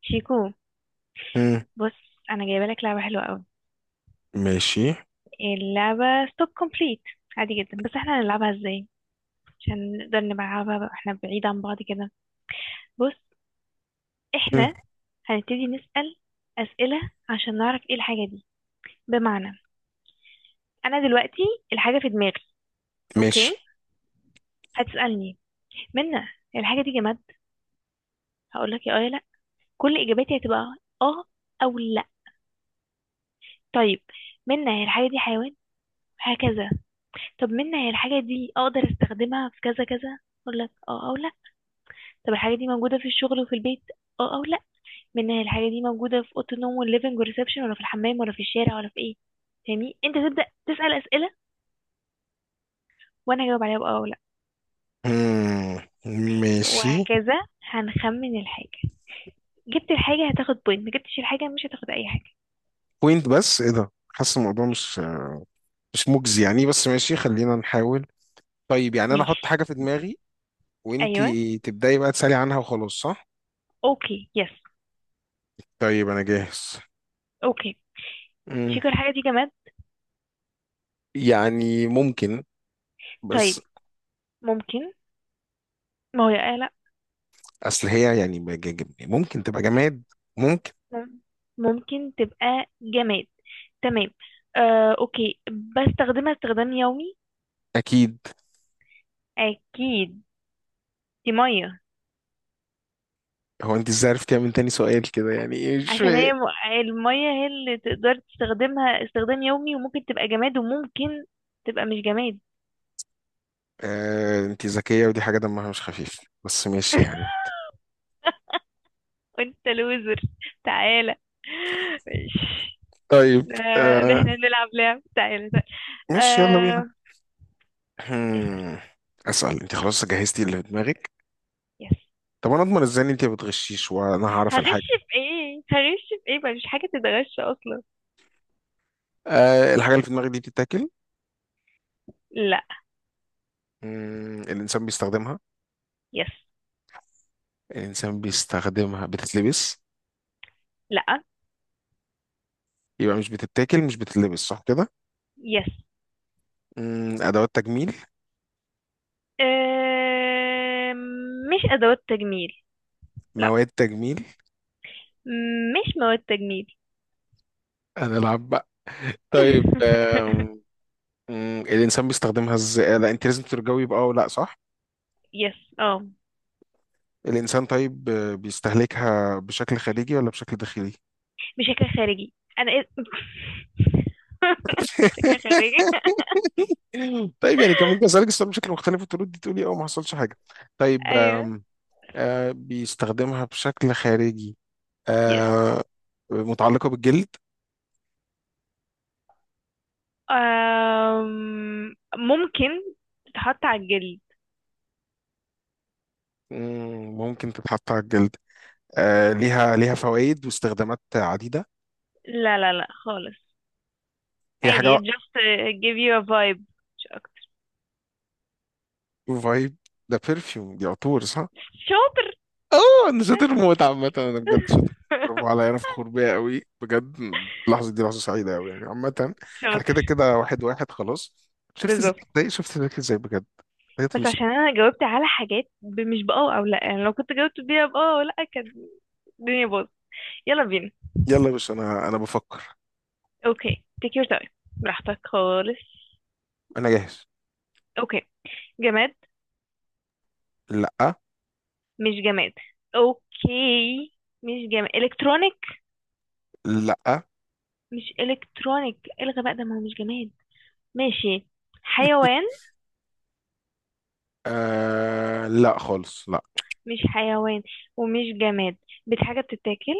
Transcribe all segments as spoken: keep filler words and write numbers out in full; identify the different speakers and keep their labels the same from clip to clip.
Speaker 1: شيكو،
Speaker 2: مم.
Speaker 1: بص، انا جايبه لك لعبه حلوه قوي.
Speaker 2: ماشي.
Speaker 1: اللعبه ستوب كومبليت. عادي جدا، بس احنا هنلعبها ازاي؟ عشان نقدر نلعبها بقى احنا بعيد عن بعض كده. بص،
Speaker 2: مم.
Speaker 1: احنا هنبتدي نسأل اسئله عشان نعرف ايه الحاجه دي. بمعنى، انا دلوقتي الحاجه في دماغي. اوكي،
Speaker 2: ماشي.
Speaker 1: هتسألني: منى، الحاجه دي جماد؟ هقول لك يا اه يا لا. كل اجاباتي هتبقى اه او لا. طيب، منى هي الحاجه دي حيوان؟ هكذا. طب منى هي الحاجه دي اقدر استخدمها في كذا كذا؟ اقول لك اه او لا. طب الحاجة دي موجودة في الشغل وفي البيت؟ اه او لا. منها الحاجة دي موجودة في أوضة النوم والليفنج والريسبشن، ولا في الحمام، ولا في الشارع، ولا في ايه؟ فاهمني؟ انت تبدأ تسأل أسئلة وانا هجاوب عليها بأه او لا،
Speaker 2: مم. ماشي.
Speaker 1: وهكذا. هنخمن الحاجة. جبت الحاجة هتاخد بوينت، ما جبتش الحاجة مش هتاخد أي حاجة.
Speaker 2: بوينت؟ بس ايه ده، حاسس الموضوع مش مش مجزي يعني، بس ماشي خلينا نحاول. طيب يعني انا احط
Speaker 1: ماشي.
Speaker 2: حاجة في دماغي،
Speaker 1: أيوه،
Speaker 2: وانتي تبدأي بقى تسألي عنها وخلاص، صح؟
Speaker 1: اوكي، يس.
Speaker 2: طيب انا جاهز.
Speaker 1: اوكي،
Speaker 2: مم.
Speaker 1: شكرا. الحاجة دي جماد؟
Speaker 2: يعني ممكن، بس
Speaker 1: طيب، ممكن. ما هو يا آه لا.
Speaker 2: اصل هي يعني ما جا- جا- ممكن تبقى جماد، ممكن.
Speaker 1: مم- ممكن تبقى جماد. تمام. آه اوكي، بستخدمها استخدام يومي؟
Speaker 2: اكيد.
Speaker 1: اكيد. دي مية.
Speaker 2: هو انت ازاي عرفتي من تاني سؤال كده، يعني ايه مش
Speaker 1: عشان
Speaker 2: فاهم.
Speaker 1: هي م- المية هي اللي تقدر تستخدمها استخدام يومي، وممكن تبقى جماد، وممكن تبقى مش جماد.
Speaker 2: آه انت ذكية، ودي حاجة دمها مش خفيف، بس ماشي يعني.
Speaker 1: وانت لوزر. تعالى، ماشي.
Speaker 2: طيب.
Speaker 1: ده، ده
Speaker 2: آه
Speaker 1: احنا نلعب لعب. تعالى تعالى.
Speaker 2: ماشي يلا
Speaker 1: آه،
Speaker 2: بينا.
Speaker 1: اسأل.
Speaker 2: هم، اسأل. انت خلاص جهزتي اللي في دماغك؟
Speaker 1: يس.
Speaker 2: طب انا اضمن ازاي ان انت ما بتغشيش وانا هعرف
Speaker 1: هغش
Speaker 2: الحاجة؟
Speaker 1: في ايه؟ هغش في ايه؟ مفيش حاجة تتغش اصلا.
Speaker 2: آه، الحاجة اللي في دماغك دي بتتاكل؟
Speaker 1: لا.
Speaker 2: مم، الانسان بيستخدمها.
Speaker 1: يس.
Speaker 2: الانسان بيستخدمها، بتتلبس؟
Speaker 1: لا.
Speaker 2: يبقى مش بتتاكل مش بتتلبس، صح كده؟
Speaker 1: يس.
Speaker 2: مم، ادوات تجميل.
Speaker 1: آه، مش ادوات تجميل. لا،
Speaker 2: مواد تجميل.
Speaker 1: مش مواد تجميل.
Speaker 2: هنلعب بقى طيب آم، مم، الإنسان بيستخدمها ازاي؟ لا أنت لازم ترجوي بقى ولا صح؟
Speaker 1: يس، اه.
Speaker 2: الإنسان طيب، آه، بيستهلكها بشكل خارجي ولا بشكل داخلي؟
Speaker 1: بشكل خارجي. انا إيه- بشكل خارجي.
Speaker 2: طيب يعني كان ممكن اسالك السؤال بشكل مختلف وترد دي تقولي اه، ما حصلش حاجه. طيب
Speaker 1: ايوه.
Speaker 2: آم، آه بيستخدمها بشكل خارجي.
Speaker 1: يس.
Speaker 2: آه متعلقه بالجلد.
Speaker 1: أم، ممكن تتحط على الجلد.
Speaker 2: مم، ممكن تتحط على الجلد. آه ليها ليها فوائد واستخدامات عديده.
Speaker 1: لا لا لا خالص.
Speaker 2: هي
Speaker 1: عادي،
Speaker 2: حاجه.
Speaker 1: it just uh, give you a vibe. مش اكتر.
Speaker 2: فايب؟ ده برفيوم، دي عطور صح؟
Speaker 1: شاطر.
Speaker 2: اه انا شاطر موت، عامة انا بجد شاطر. برافو عليا، انا فخور بيا قوي بجد. اللحظة دي لحظة سعيدة قوي يعني عامة. احنا
Speaker 1: شاطر.
Speaker 2: كده كده واحد واحد خلاص. شفت ازاي
Speaker 1: بالظبط.
Speaker 2: ازاي- شفت ذاك ازاي بجد. حاجات
Speaker 1: بس
Speaker 2: فيش.
Speaker 1: عشان انا جاوبت على حاجات ب- مش باه او لا. يعني لو كنت جاوبت بيها باه او لا كانت الدنيا باظت. يلا بينا.
Speaker 2: يلا يا باشا، انا انا بفكر.
Speaker 1: اوكي، تيك يور تايم. براحتك خالص.
Speaker 2: انا جاهز.
Speaker 1: اوكي. جماد؟
Speaker 2: لا.
Speaker 1: مش جماد. اوكي، مش جماد. الكترونيك؟
Speaker 2: لا.
Speaker 1: مش الكترونيك. الغى بقى ده ما هو مش جماد. ماشي. حيوان؟
Speaker 2: آه لا خالص، لا.
Speaker 1: مش حيوان، ومش جماد. بت- حاجه بتتاكل؟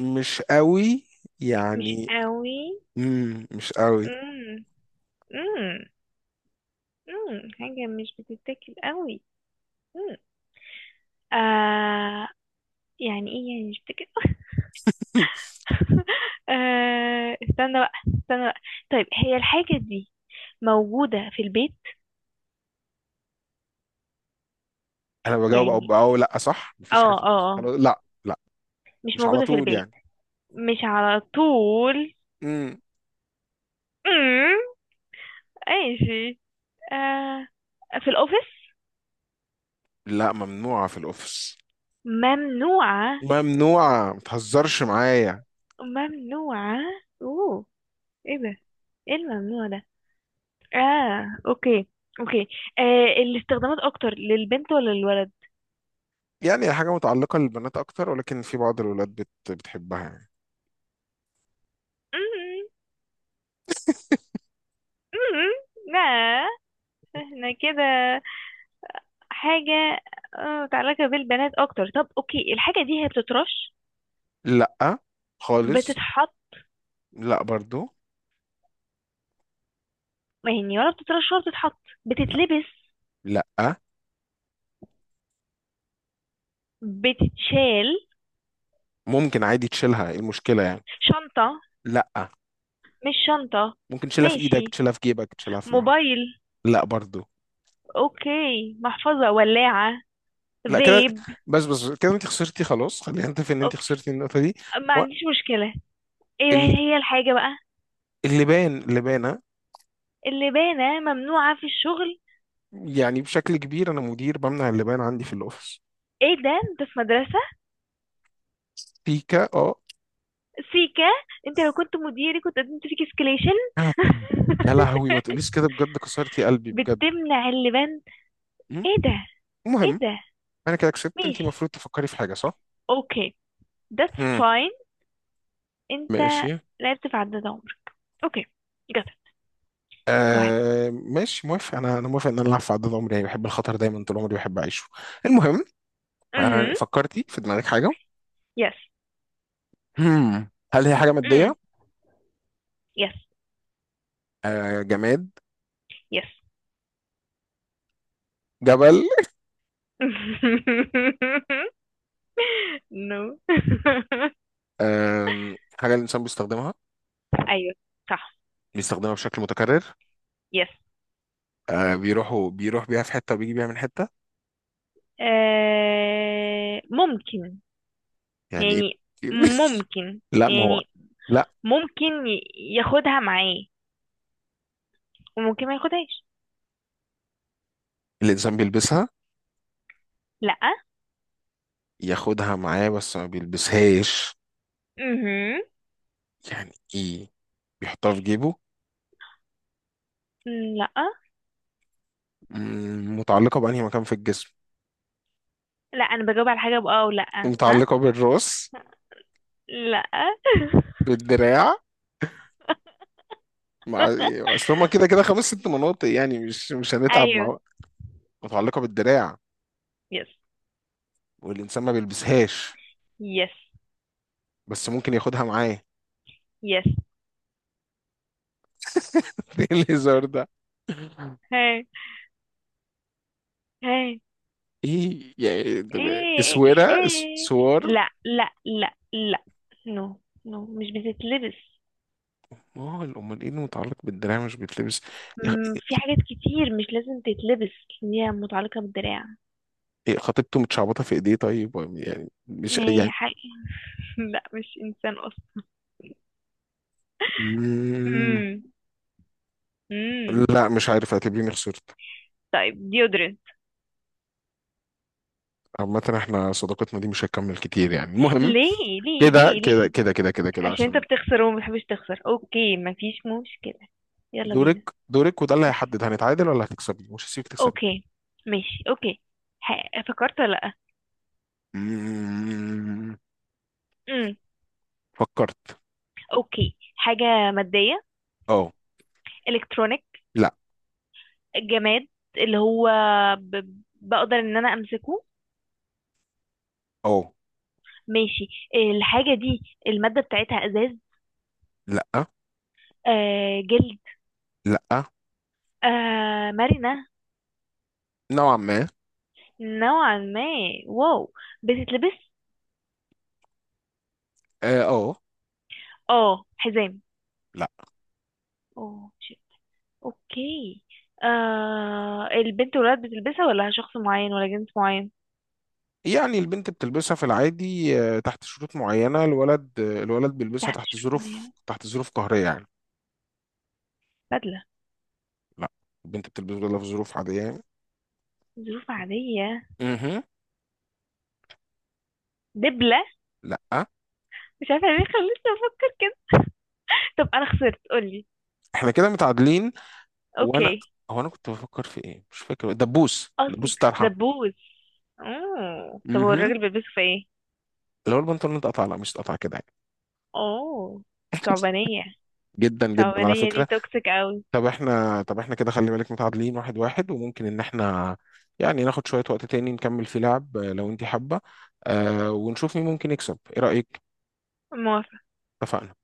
Speaker 2: مش قوي
Speaker 1: مش
Speaker 2: يعني.
Speaker 1: قوي؟
Speaker 2: مم، مش قوي.
Speaker 1: امم. امم. امم حاجه مش بتتاكل قوي. امم آه، يعني ايه يعني مش بتتاكل؟ آه، استنى بقى، استنى بقى. طيب، هي الحاجه دي موجوده في البيت؟
Speaker 2: انا
Speaker 1: يعني
Speaker 2: بجاوب او او لا، صح
Speaker 1: اه
Speaker 2: مفيش حاجة في-
Speaker 1: اه
Speaker 2: النص.
Speaker 1: اه.
Speaker 2: خلاص لا، لا.
Speaker 1: مش
Speaker 2: مش على
Speaker 1: موجوده في
Speaker 2: طول
Speaker 1: البيت؟
Speaker 2: يعني.
Speaker 1: مش على طول.
Speaker 2: مم.
Speaker 1: امم ماشي. آه، في الاوفيس؟
Speaker 2: لا، ممنوعة في الاوفيس.
Speaker 1: ممنوعة؟
Speaker 2: ممنوعة، ما تهزرش معايا.
Speaker 1: ممنوعة. اوه، ايه ده؟ ايه الممنوع ده؟ اه اوكي. اوكي. آه، الاستخدامات اكتر للبنت ولا للولد؟
Speaker 2: يعني حاجة متعلقة للبنات أكتر، ولكن في بعض الولاد بت... بتحبها يعني.
Speaker 1: مم. مم. لا. احنا كده. حاجة آه، متعلقة بالبنات اكتر. طب اوكي، الحاجة دي هي بتترش؟
Speaker 2: لأ خالص.
Speaker 1: بتتحط؟
Speaker 2: لأ برضو.
Speaker 1: يعني ولا بتترش ولا بتتحط؟
Speaker 2: لأ.
Speaker 1: بتتلبس؟
Speaker 2: لأ،
Speaker 1: بتتشال؟
Speaker 2: ممكن عادي تشيلها، إيه المشكلة يعني؟
Speaker 1: شنطة؟
Speaker 2: لأ،
Speaker 1: مش شنطة؟
Speaker 2: ممكن تشيلها في إيدك،
Speaker 1: ماشي.
Speaker 2: تشيلها في جيبك، تشيلها في مع.
Speaker 1: موبايل؟
Speaker 2: لأ برضو.
Speaker 1: اوكي، محفظة، ولاعة،
Speaker 2: لأ كده.
Speaker 1: فيب.
Speaker 2: بس بس كده، أنت خسرتي، خلاص خلينا نتفق إن أنت
Speaker 1: اوكي،
Speaker 2: خسرتي النقطة دي.
Speaker 1: ما
Speaker 2: و...
Speaker 1: عنديش مشكلة. ايه
Speaker 2: ال-
Speaker 1: هي الحاجة بقى
Speaker 2: اللبان، لبانة.
Speaker 1: اللي باينة ممنوعة في الشغل؟
Speaker 2: يعني بشكل كبير أنا مدير بمنع اللبان عندي في الأوفيس.
Speaker 1: ايه ده؟ انت في مدرسة؟
Speaker 2: بيكا. اه.
Speaker 1: سيكا. انت لو كنت مديري كنت قدمت فيك اسكليشن.
Speaker 2: يا لهوي ما تقوليش كده بجد، كسرتي قلبي بجد.
Speaker 1: بتمنع اللبان؟
Speaker 2: مم.
Speaker 1: ايه ده؟ ايه
Speaker 2: المهم،
Speaker 1: ده؟
Speaker 2: انا كده كسبت، انت
Speaker 1: ماشي،
Speaker 2: المفروض تفكري في حاجه صح.
Speaker 1: اوكي. That's
Speaker 2: مم.
Speaker 1: fine. انت
Speaker 2: ماشي.
Speaker 1: لعبت في عداد عمرك. اوكي. Got it. Go ahead.
Speaker 2: آه ماشي، موافق. انا انا موافق ان انا العب في عدد عمري، يعني بحب الخطر دايما، طول عمري بحب اعيشه. المهم. آه
Speaker 1: امم
Speaker 2: فكرتي في دماغك حاجه؟
Speaker 1: yes.
Speaker 2: مم. هل هي حاجه
Speaker 1: امم
Speaker 2: ماديه؟
Speaker 1: yes.
Speaker 2: آه جماد؟
Speaker 1: yes.
Speaker 2: جبل؟
Speaker 1: نو.
Speaker 2: آه حاجه الانسان بيستخدمها؟
Speaker 1: ايوه، صح.
Speaker 2: بيستخدمها بشكل متكرر؟
Speaker 1: يس.
Speaker 2: آه بيروحوا بيروح بيها في حته وبيجي بيها من حته؟
Speaker 1: آه ممكن
Speaker 2: يعني ايه؟
Speaker 1: يعني. ممكن
Speaker 2: لا، ما هو
Speaker 1: يعني.
Speaker 2: لا،
Speaker 1: ممكن ي- ياخدها معاه وممكن ما ياخدهاش.
Speaker 2: الانسان بيلبسها؟
Speaker 1: لا.
Speaker 2: ياخدها معاه بس ما بيلبسهاش؟
Speaker 1: مهم.
Speaker 2: يعني ايه، بيحطها في جيبه؟
Speaker 1: لا،
Speaker 2: مم، متعلقة بأنهي مكان في الجسم؟
Speaker 1: لا، انا بجاوب على حاجه بأه او لا، ها.
Speaker 2: متعلقة بالراس؟
Speaker 1: لا.
Speaker 2: بالدراع؟ مع. اصل هما كده كده خمس ست مناطق يعني، مش مش هنتعب مع
Speaker 1: ايوه.
Speaker 2: بعض. متعلقة بالدراع،
Speaker 1: يس.
Speaker 2: والإنسان ما بيلبسهاش،
Speaker 1: يس.
Speaker 2: بس ممكن ياخدها معاه.
Speaker 1: يس.
Speaker 2: ايه الهزار ده؟
Speaker 1: هاي، هاي.
Speaker 2: ايه يعني ده-
Speaker 1: ايه،
Speaker 2: اسوره اس-
Speaker 1: ايه.
Speaker 2: سوار؟
Speaker 1: لا لا لا لا. نو. نو، مش بتتلبس.
Speaker 2: ما هو امال ايه اللي متعلق بالدراع مش بيتلبس؟
Speaker 1: مم،
Speaker 2: إيه-
Speaker 1: في حاجات كتير مش لازم تتلبس. ان هي متعلقة بالدراع،
Speaker 2: إيه، خطيبته متشعبطه في ايديه؟ طيب يعني مش
Speaker 1: ما هي
Speaker 2: يعني.
Speaker 1: حاجة. لا، مش انسان اصلا.
Speaker 2: مم.
Speaker 1: امم. امم.
Speaker 2: لا مش عارف، اعتبريني خسرت.
Speaker 1: طيب، ديودرنت؟
Speaker 2: عامة احنا صداقتنا دي مش هتكمل كتير يعني. المهم،
Speaker 1: ليه، ليه،
Speaker 2: كده
Speaker 1: ليه،
Speaker 2: كده
Speaker 1: ليه؟
Speaker 2: كده كده كده كده
Speaker 1: عشان انت
Speaker 2: عشان.
Speaker 1: بتخسر وما بتحبش تخسر. اوكي، مفيش مشكلة. يلا
Speaker 2: دورك.
Speaker 1: بينا.
Speaker 2: دورك، وده اللي
Speaker 1: اوكي.
Speaker 2: هيحدد هنتعادل ولا هتكسبي، مش هسيبك تكسبي.
Speaker 1: اوكي، ماشي، اوكي. ح- فكرت ولا لا؟
Speaker 2: مم.
Speaker 1: امم.
Speaker 2: فكرت.
Speaker 1: اوكي، حاجة مادية.
Speaker 2: اه.
Speaker 1: الكترونيك؟
Speaker 2: لا.
Speaker 1: جماد، اللي هو ب، بقدر ان انا امسكه.
Speaker 2: اه.
Speaker 1: ماشي. آه، الحاجة دي المادة بتاعتها ازاز؟
Speaker 2: لا.
Speaker 1: آه، جلد؟
Speaker 2: لا.
Speaker 1: آه، مرنة؟
Speaker 2: نوعا ما.
Speaker 1: نوعا ما. واو. بتتلبس؟
Speaker 2: اه. آه،
Speaker 1: اه، حزام؟
Speaker 2: لا.
Speaker 1: اوه شيت. اوكي. آه، البنت والولاد بتلبسها، ولا شخص معين ولا جنس معين؟
Speaker 2: يعني البنت بتلبسها في العادي آه، تحت شروط معينة. الولد آه، الولد بيلبسها
Speaker 1: تحت
Speaker 2: تحت
Speaker 1: شروط
Speaker 2: ظروف،
Speaker 1: معينة.
Speaker 2: تحت ظروف قهرية يعني.
Speaker 1: بدلة؟
Speaker 2: لا، البنت بتلبسها في ظروف عادية يعني.
Speaker 1: ظروف عادية.
Speaker 2: مهم.
Speaker 1: دبلة؟
Speaker 2: لا.
Speaker 1: مش عارفة ليه خلتني افكر كده. طب انا خسرت، قولي.
Speaker 2: احنا كده متعادلين. وانا،
Speaker 1: اوكي.
Speaker 2: هو انا كنت بفكر في ايه مش فاكر، دبوس.
Speaker 1: اصل،
Speaker 2: دبوس طرحه.
Speaker 1: دبوس؟ اوه، طب هو
Speaker 2: امم
Speaker 1: الراجل بيلبسه في ايه؟
Speaker 2: اللي هو البنطلون اتقطع، لا مش اتقطع كده يعني.
Speaker 1: اوه، ثعبانية.
Speaker 2: جدا جدا على
Speaker 1: الصعبانية دي
Speaker 2: فكره.
Speaker 1: توكسيك قوي.
Speaker 2: طب احنا، طب احنا كده خلي بالك متعادلين، واحد واحد، وممكن ان احنا يعني ناخد شويه وقت تاني نكمل في لعب آه، لو انت حابه، آه ونشوف مين ممكن يكسب. ايه رايك؟ اتفقنا؟